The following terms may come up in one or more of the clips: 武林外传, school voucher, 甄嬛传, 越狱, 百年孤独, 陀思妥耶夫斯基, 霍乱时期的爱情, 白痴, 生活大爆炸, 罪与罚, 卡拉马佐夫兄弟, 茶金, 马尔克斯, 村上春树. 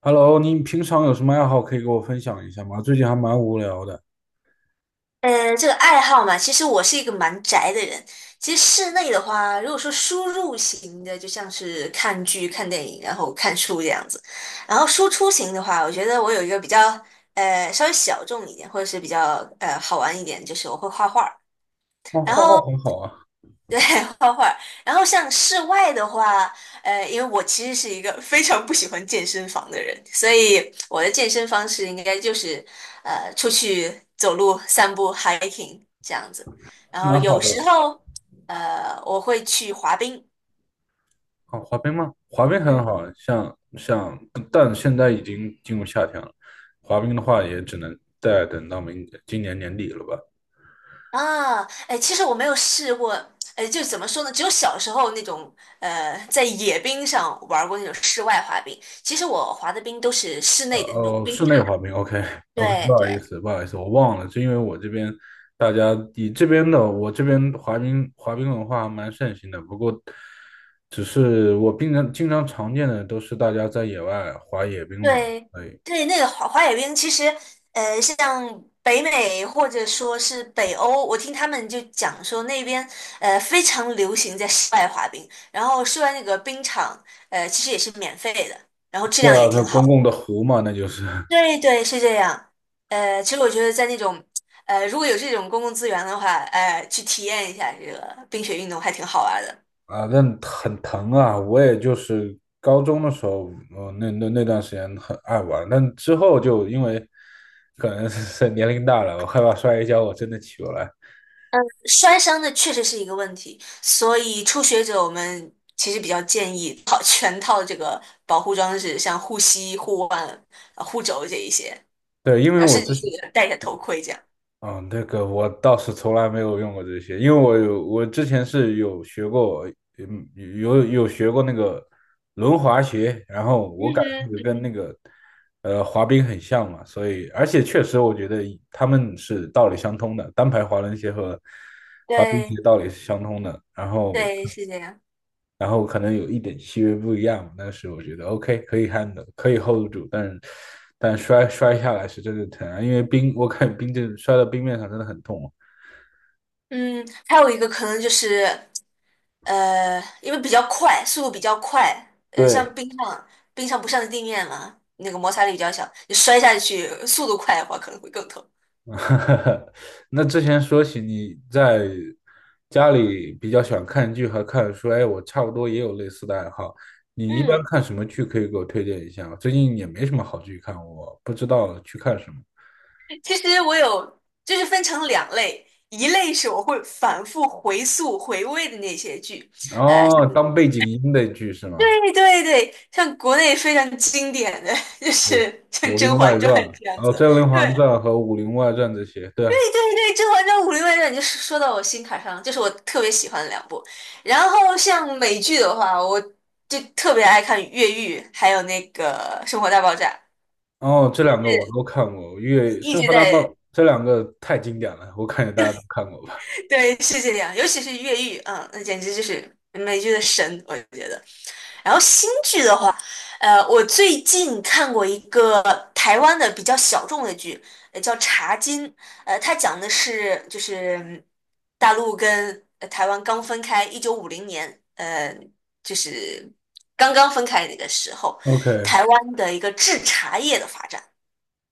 Hello，你平常有什么爱好可以给我分享一下吗？最近还蛮无聊的。这个爱好嘛，其实我是一个蛮宅的人。其实室内的话，如果说输入型的，就像是看剧、看电影，然后看书这样子。然后输出型的话，我觉得我有一个比较稍微小众一点，或者是比较好玩一点，就是我会画画。哦，然画画后很好啊，对，画画。然后像室外的话，因为我其实是一个 非常不喜欢健身房的人，所以我的健身方式应该就是出去走路、散步、hiking 这样子。然后蛮好有时的。候我会去滑冰。哦，滑冰吗？滑冰很嗯好，但现在已经进入夏天了，滑冰的话也只能再等到明今年年底了吧。啊，哎，其实我没有试过，哎，就怎么说呢？只有小时候那种，在野冰上玩过那种室外滑冰。其实我滑的冰都是室内的那种冰。是内滑冰，OK。 OK，不对好对意思，不好意思，我忘了，是因为我这边大家你这边的我这边滑冰文化还蛮盛行的，不过只是我平常经常常见的都是大家在野外滑野冰嘛，对对，对，那个滑冰其实，像北美或者说是北欧，我听他们就讲说那边非常流行在室外滑冰，然后室外那个冰场其实也是免费的，然后质对量也啊，这挺公好。共的湖嘛，那就是对对，是这样。其实我觉得在那种如果有这种公共资源的话，去体验一下这个冰雪运动还挺好玩的。啊，那很疼啊，我也就是高中的时候，那段时间很爱玩，但之后就因为可能是年龄大了，我害怕摔一跤，我真的起不来。摔伤的确实是一个问题，所以初学者我们其实比较建议套 全套这个保护装置，像护膝、护腕、护肘这一些，对，因为然后我甚至之是前戴一下头盔这样。嗯，那个我倒是从来没有用过这些，因为我之前是有学过，嗯，有学过那个轮滑鞋，然后嗯我感觉那哼，个嗯跟那哼，个滑冰很像嘛，所以而且确实我觉得他们是道理相通的，单排滑轮鞋和滑冰鞋对道理是相通的，然后对，是这样。然后可能有一点细微不一样，但是我觉得 OK 可以 handle 可以 hold 住，但但摔下来是真的疼啊，因为冰我看冰这摔到冰面上真的很痛啊嗯，还有一个可能就是因为比较快，速度比较快，对。像冰上不上地面嘛，那个摩擦力比较小，你摔下去速度快的话可能会更疼。那之前说起你在家里比较喜欢看剧和看书，哎，我差不多也有类似的爱好。你一般嗯。看什么剧可以给我推荐一下吗？最近也没什么好剧看，我不知道去看什么。其实我有，就是分成两类，一类是我会反复回溯回味的那些剧，哦，当背景音的剧是吗？对对对，像国内非常经典的，就武是像武《甄林外嬛传》，传》这样然后子，《甄对嬛对传》和《武林外传》这些，对。对对，《甄嬛传》《武林外传》，你就说到我心坎上了，就是我特别喜欢的两部。然后像美剧的话，我就特别爱看《越狱》，还有那个《生活大爆炸》，哦，这两个我都看过，越一《生直活大爆》在这两个太经典了，我感觉大家都看过吧。对，是这样，尤其是越狱，那简直就是美剧的神，我觉得。然后新剧的话，我最近看过一个台湾的比较小众的剧，叫《茶金》，它讲的是就是大陆跟台湾刚分开，1950年，就是刚刚分开那个时候，OK，台湾的一个制茶业的发展，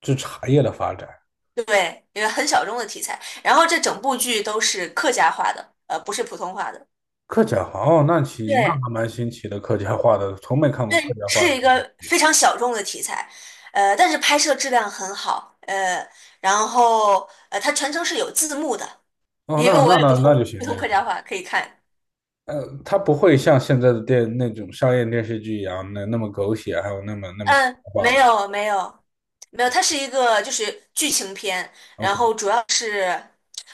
这茶叶的发展。对，因为很小众的题材。然后这整部剧都是客家话的，不是普通话的。客家话哦，那行，那对还蛮新奇的，客家话的，从没看过客家对，话是的一这些。个非常小众的题材，但是拍摄质量很好，然后它全程是有字幕的，哦，因为那我那也那不那就通行，不那通就客行。家话，可以看。呃，它不会像现在的电那种商业电视剧一样，那么狗血，还有那么神嗯，话没吧有没有没有，它是一个就是剧情片，然？OK，后主要是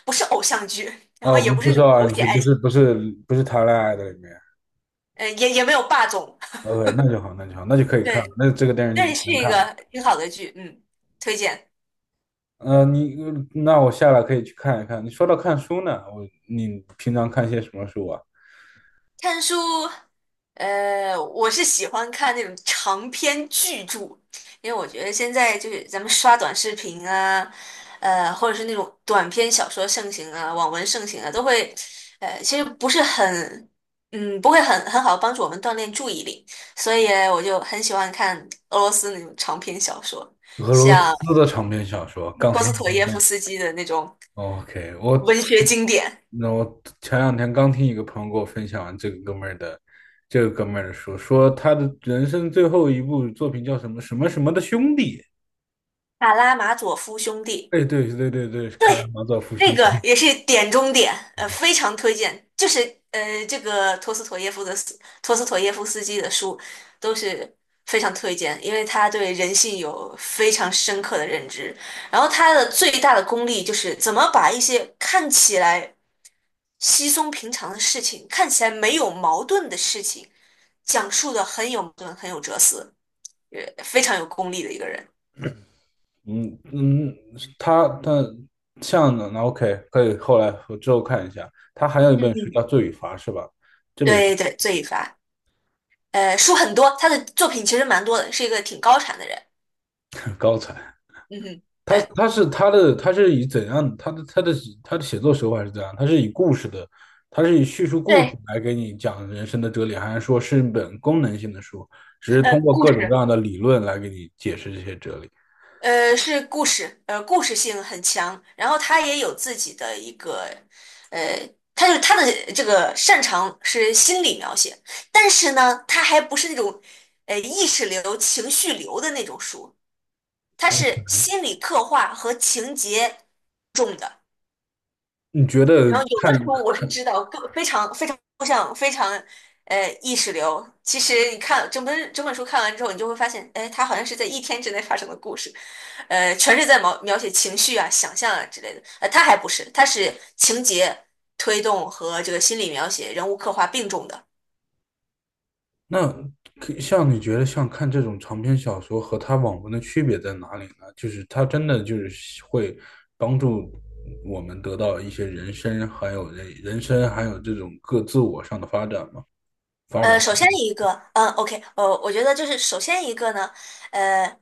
不是偶像剧，然后哦，也不不是不是那奥种狗安血区，爱情，不是谈恋爱的里面。也没有霸总，OK，那就好，那就好，那就可 以看，对，那这个电视但剧就是是能一看了。个挺好的剧，推荐。呃，你那我下来可以去看一看。你说到看书呢，我你平常看些什么书啊？看书，我是喜欢看那种长篇巨著，因为我觉得现在就是咱们刷短视频啊，或者是那种短篇小说盛行啊，网文盛行啊，都会，其实不是很，不会很好帮助我们锻炼注意力，所以我就很喜欢看俄罗斯那种长篇小说，俄罗像斯的长篇小说，钢波铁斯人 妥耶夫斯基的那种 OK，我文学经典那我前两天刚听一个朋友给我分享这个哥们儿的，这个哥们儿的书，说他的人生最后一部作品叫什么什么什么的兄弟。《卡拉马佐夫兄弟》。哎，对对对对，是卡拉马佐夫兄那个弟。也是点中点，非常推荐。就是这个托斯妥耶夫的斯托斯妥耶夫斯基的书都是非常推荐，因为他对人性有非常深刻的认知。然后他的最大的功力就是怎么把一些看起来稀松平常的事情，看起来没有矛盾的事情，讲述的很有矛盾，很有哲思，非常有功力的一个人。嗯嗯，他像的那 OK，可以，后来我之后看一下。他还有一本书嗯，叫《罪与罚》，是吧？这本 对对，罪与罚。书很多，他的作品其实蛮多的，是一个挺高产的人。高才。嗯哼，他对他是他的他是以怎样他的他的他的写作手法是怎样？他是以故事的，他是以叙述故事对，来给你讲人生的哲理，还是说是一本功能性的书，只是通呃，过故各种各事，样的理论来给你解释这些哲理？是故事，故事性很强，然后他也有自己的一个，呃，他的这个擅长是心理描写，但是呢，他还不是那种，意识流、情绪流的那种书，他是哎心理刻画和情节重的。你觉得然后有的看时候我是看知道，非常非常抽象，非常意识流。其实你看整本整本书看完之后，你就会发现，哎，它好像是在一天之内发生的故事，全是在描写情绪啊、想象啊之类的。它还不是，它是情节推动和这个心理描写、人物刻画并重的。那像你觉得像看这种长篇小说和它网文的区别在哪里呢？就是它真的就是会帮助我们得到一些人生，还有人人生，还有这种各自我上的发展吗？发展首先一个，OK，我觉得就是首先一个呢，呃。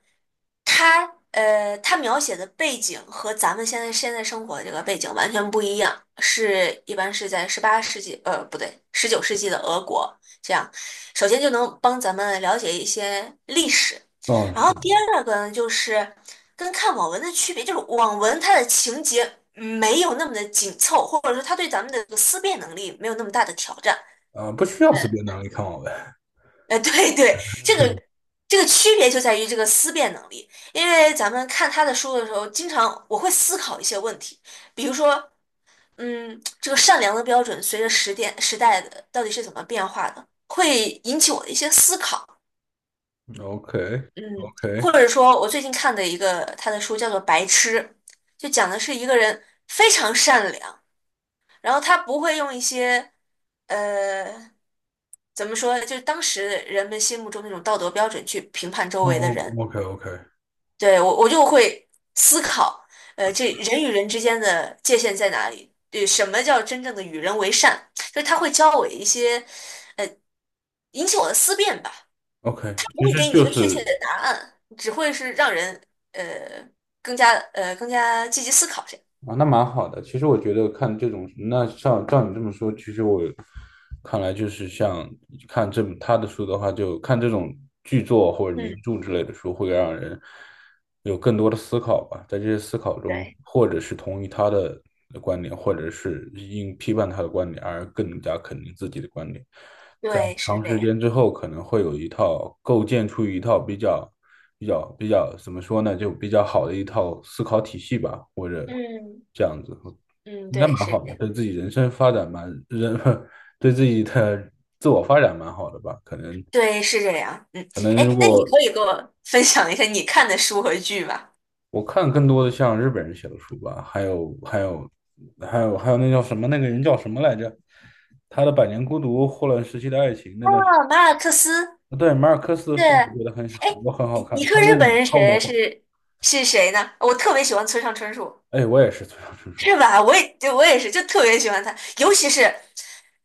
他他描写的背景和咱们现在生活的这个背景完全不一样，一般是在十八世纪，不对，十九世纪的俄国这样。首先就能帮咱们了解一些历史，哦，然是后第的，二个呢，就是跟看网文的区别，就是网文它的情节没有那么的紧凑，或者说它对咱们的这个思辨能力没有那么大的挑战。啊、不需要随便拿来看我呗。对对，这个 这个区别就在于这个思辨能力，因为咱们看他的书的时候，经常我会思考一些问题，比如说，这个善良的标准随着时代的到底是怎么变化的，会引起我的一些思考，O K。 嗯，O K。 或者说我最近看的一个他的书叫做《白痴》，就讲的是一个人非常善良，然后他不会用一些呃。怎么说呢？就是当时人们心目中那种道德标准去评判周哦， 围的人。O K。 O K。 对，我就会思考，这人与人之间的界限在哪里？对，什么叫真正的与人为善？就是他会教我一些，呃，引起我的思辨吧。O K， 他不其会实给你一就个确切是的答案，只会是让人呃更加积极思考这样。啊，那蛮好的。其实我觉得看这种，那像照你这么说，其实我看来就是像看这他的书的话，就看这种剧作或者名嗯，著之类的书，会让人有更多的思考吧。在这些思考中，对，或者是同意他的观点，或者是因批判他的观点而更加肯定自己的观点。在对，是长这时样。间之后，可能会有一套构建出一套比较、比较、比较怎么说呢，就比较好的一套思考体系吧，或者嗯这样子，嗯，应该对，蛮是好这的，样。对自己人生发展蛮人，对自己的自我发展蛮好的吧。可能对，是这样。嗯，可能，如哎，那你果可以给我 分享一下你看的书和剧吗？我看更多的像日本人写的书吧，还有那叫什么那个人叫什么来着？他的《百年孤独》《霍乱时期的爱情》那段时啊，马尔克斯对，马尔克斯的是，书哎，我觉得很我很好看，你他说的那日本种人超魔幻，是谁呢？我特别喜欢村上春树，哎，我也是村上春树啊，是吧？我也是，就特别喜欢他，尤其是，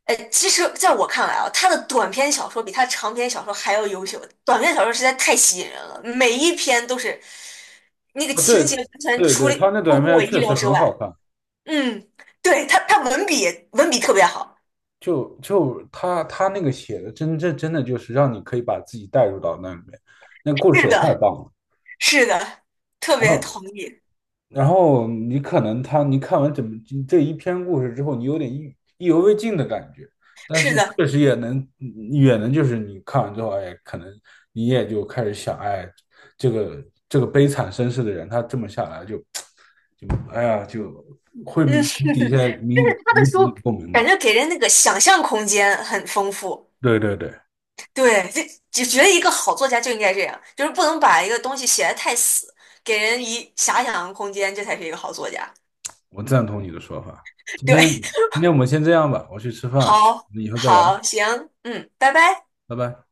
其实在我看来啊，他的短篇小说比他长篇小说还要优秀。短篇小说实在太吸引人了，每一篇都是那个情对节完全对出对，他那出短乎片我意确实料之很好外。看，嗯，对，他文笔特别好。就就他他那个写的真的就是让你可以把自己带入到那里面，那故事写是的太的，棒了。是的，特然别后同意。然后你可能他，你看完整这一篇故事之后，你有点意意犹未尽的感觉，但是是的，确实也能就是你看完之后，哎，可能你也就开始想，哎，这个悲惨身世的人，他这么下来就就哎呀，就会嗯，引起一些就是他的起你的书共鸣感吧。觉给人那个想象空间很丰富。对对对，对，就觉得一个好作家就应该这样，就是不能把一个东西写得太死，给人以遐想空间，这才是一个好作家。我赞同你的说法。今对，天今天我们先这样吧，我去吃 饭了，好，以后再聊，好，行，嗯，拜拜。拜拜。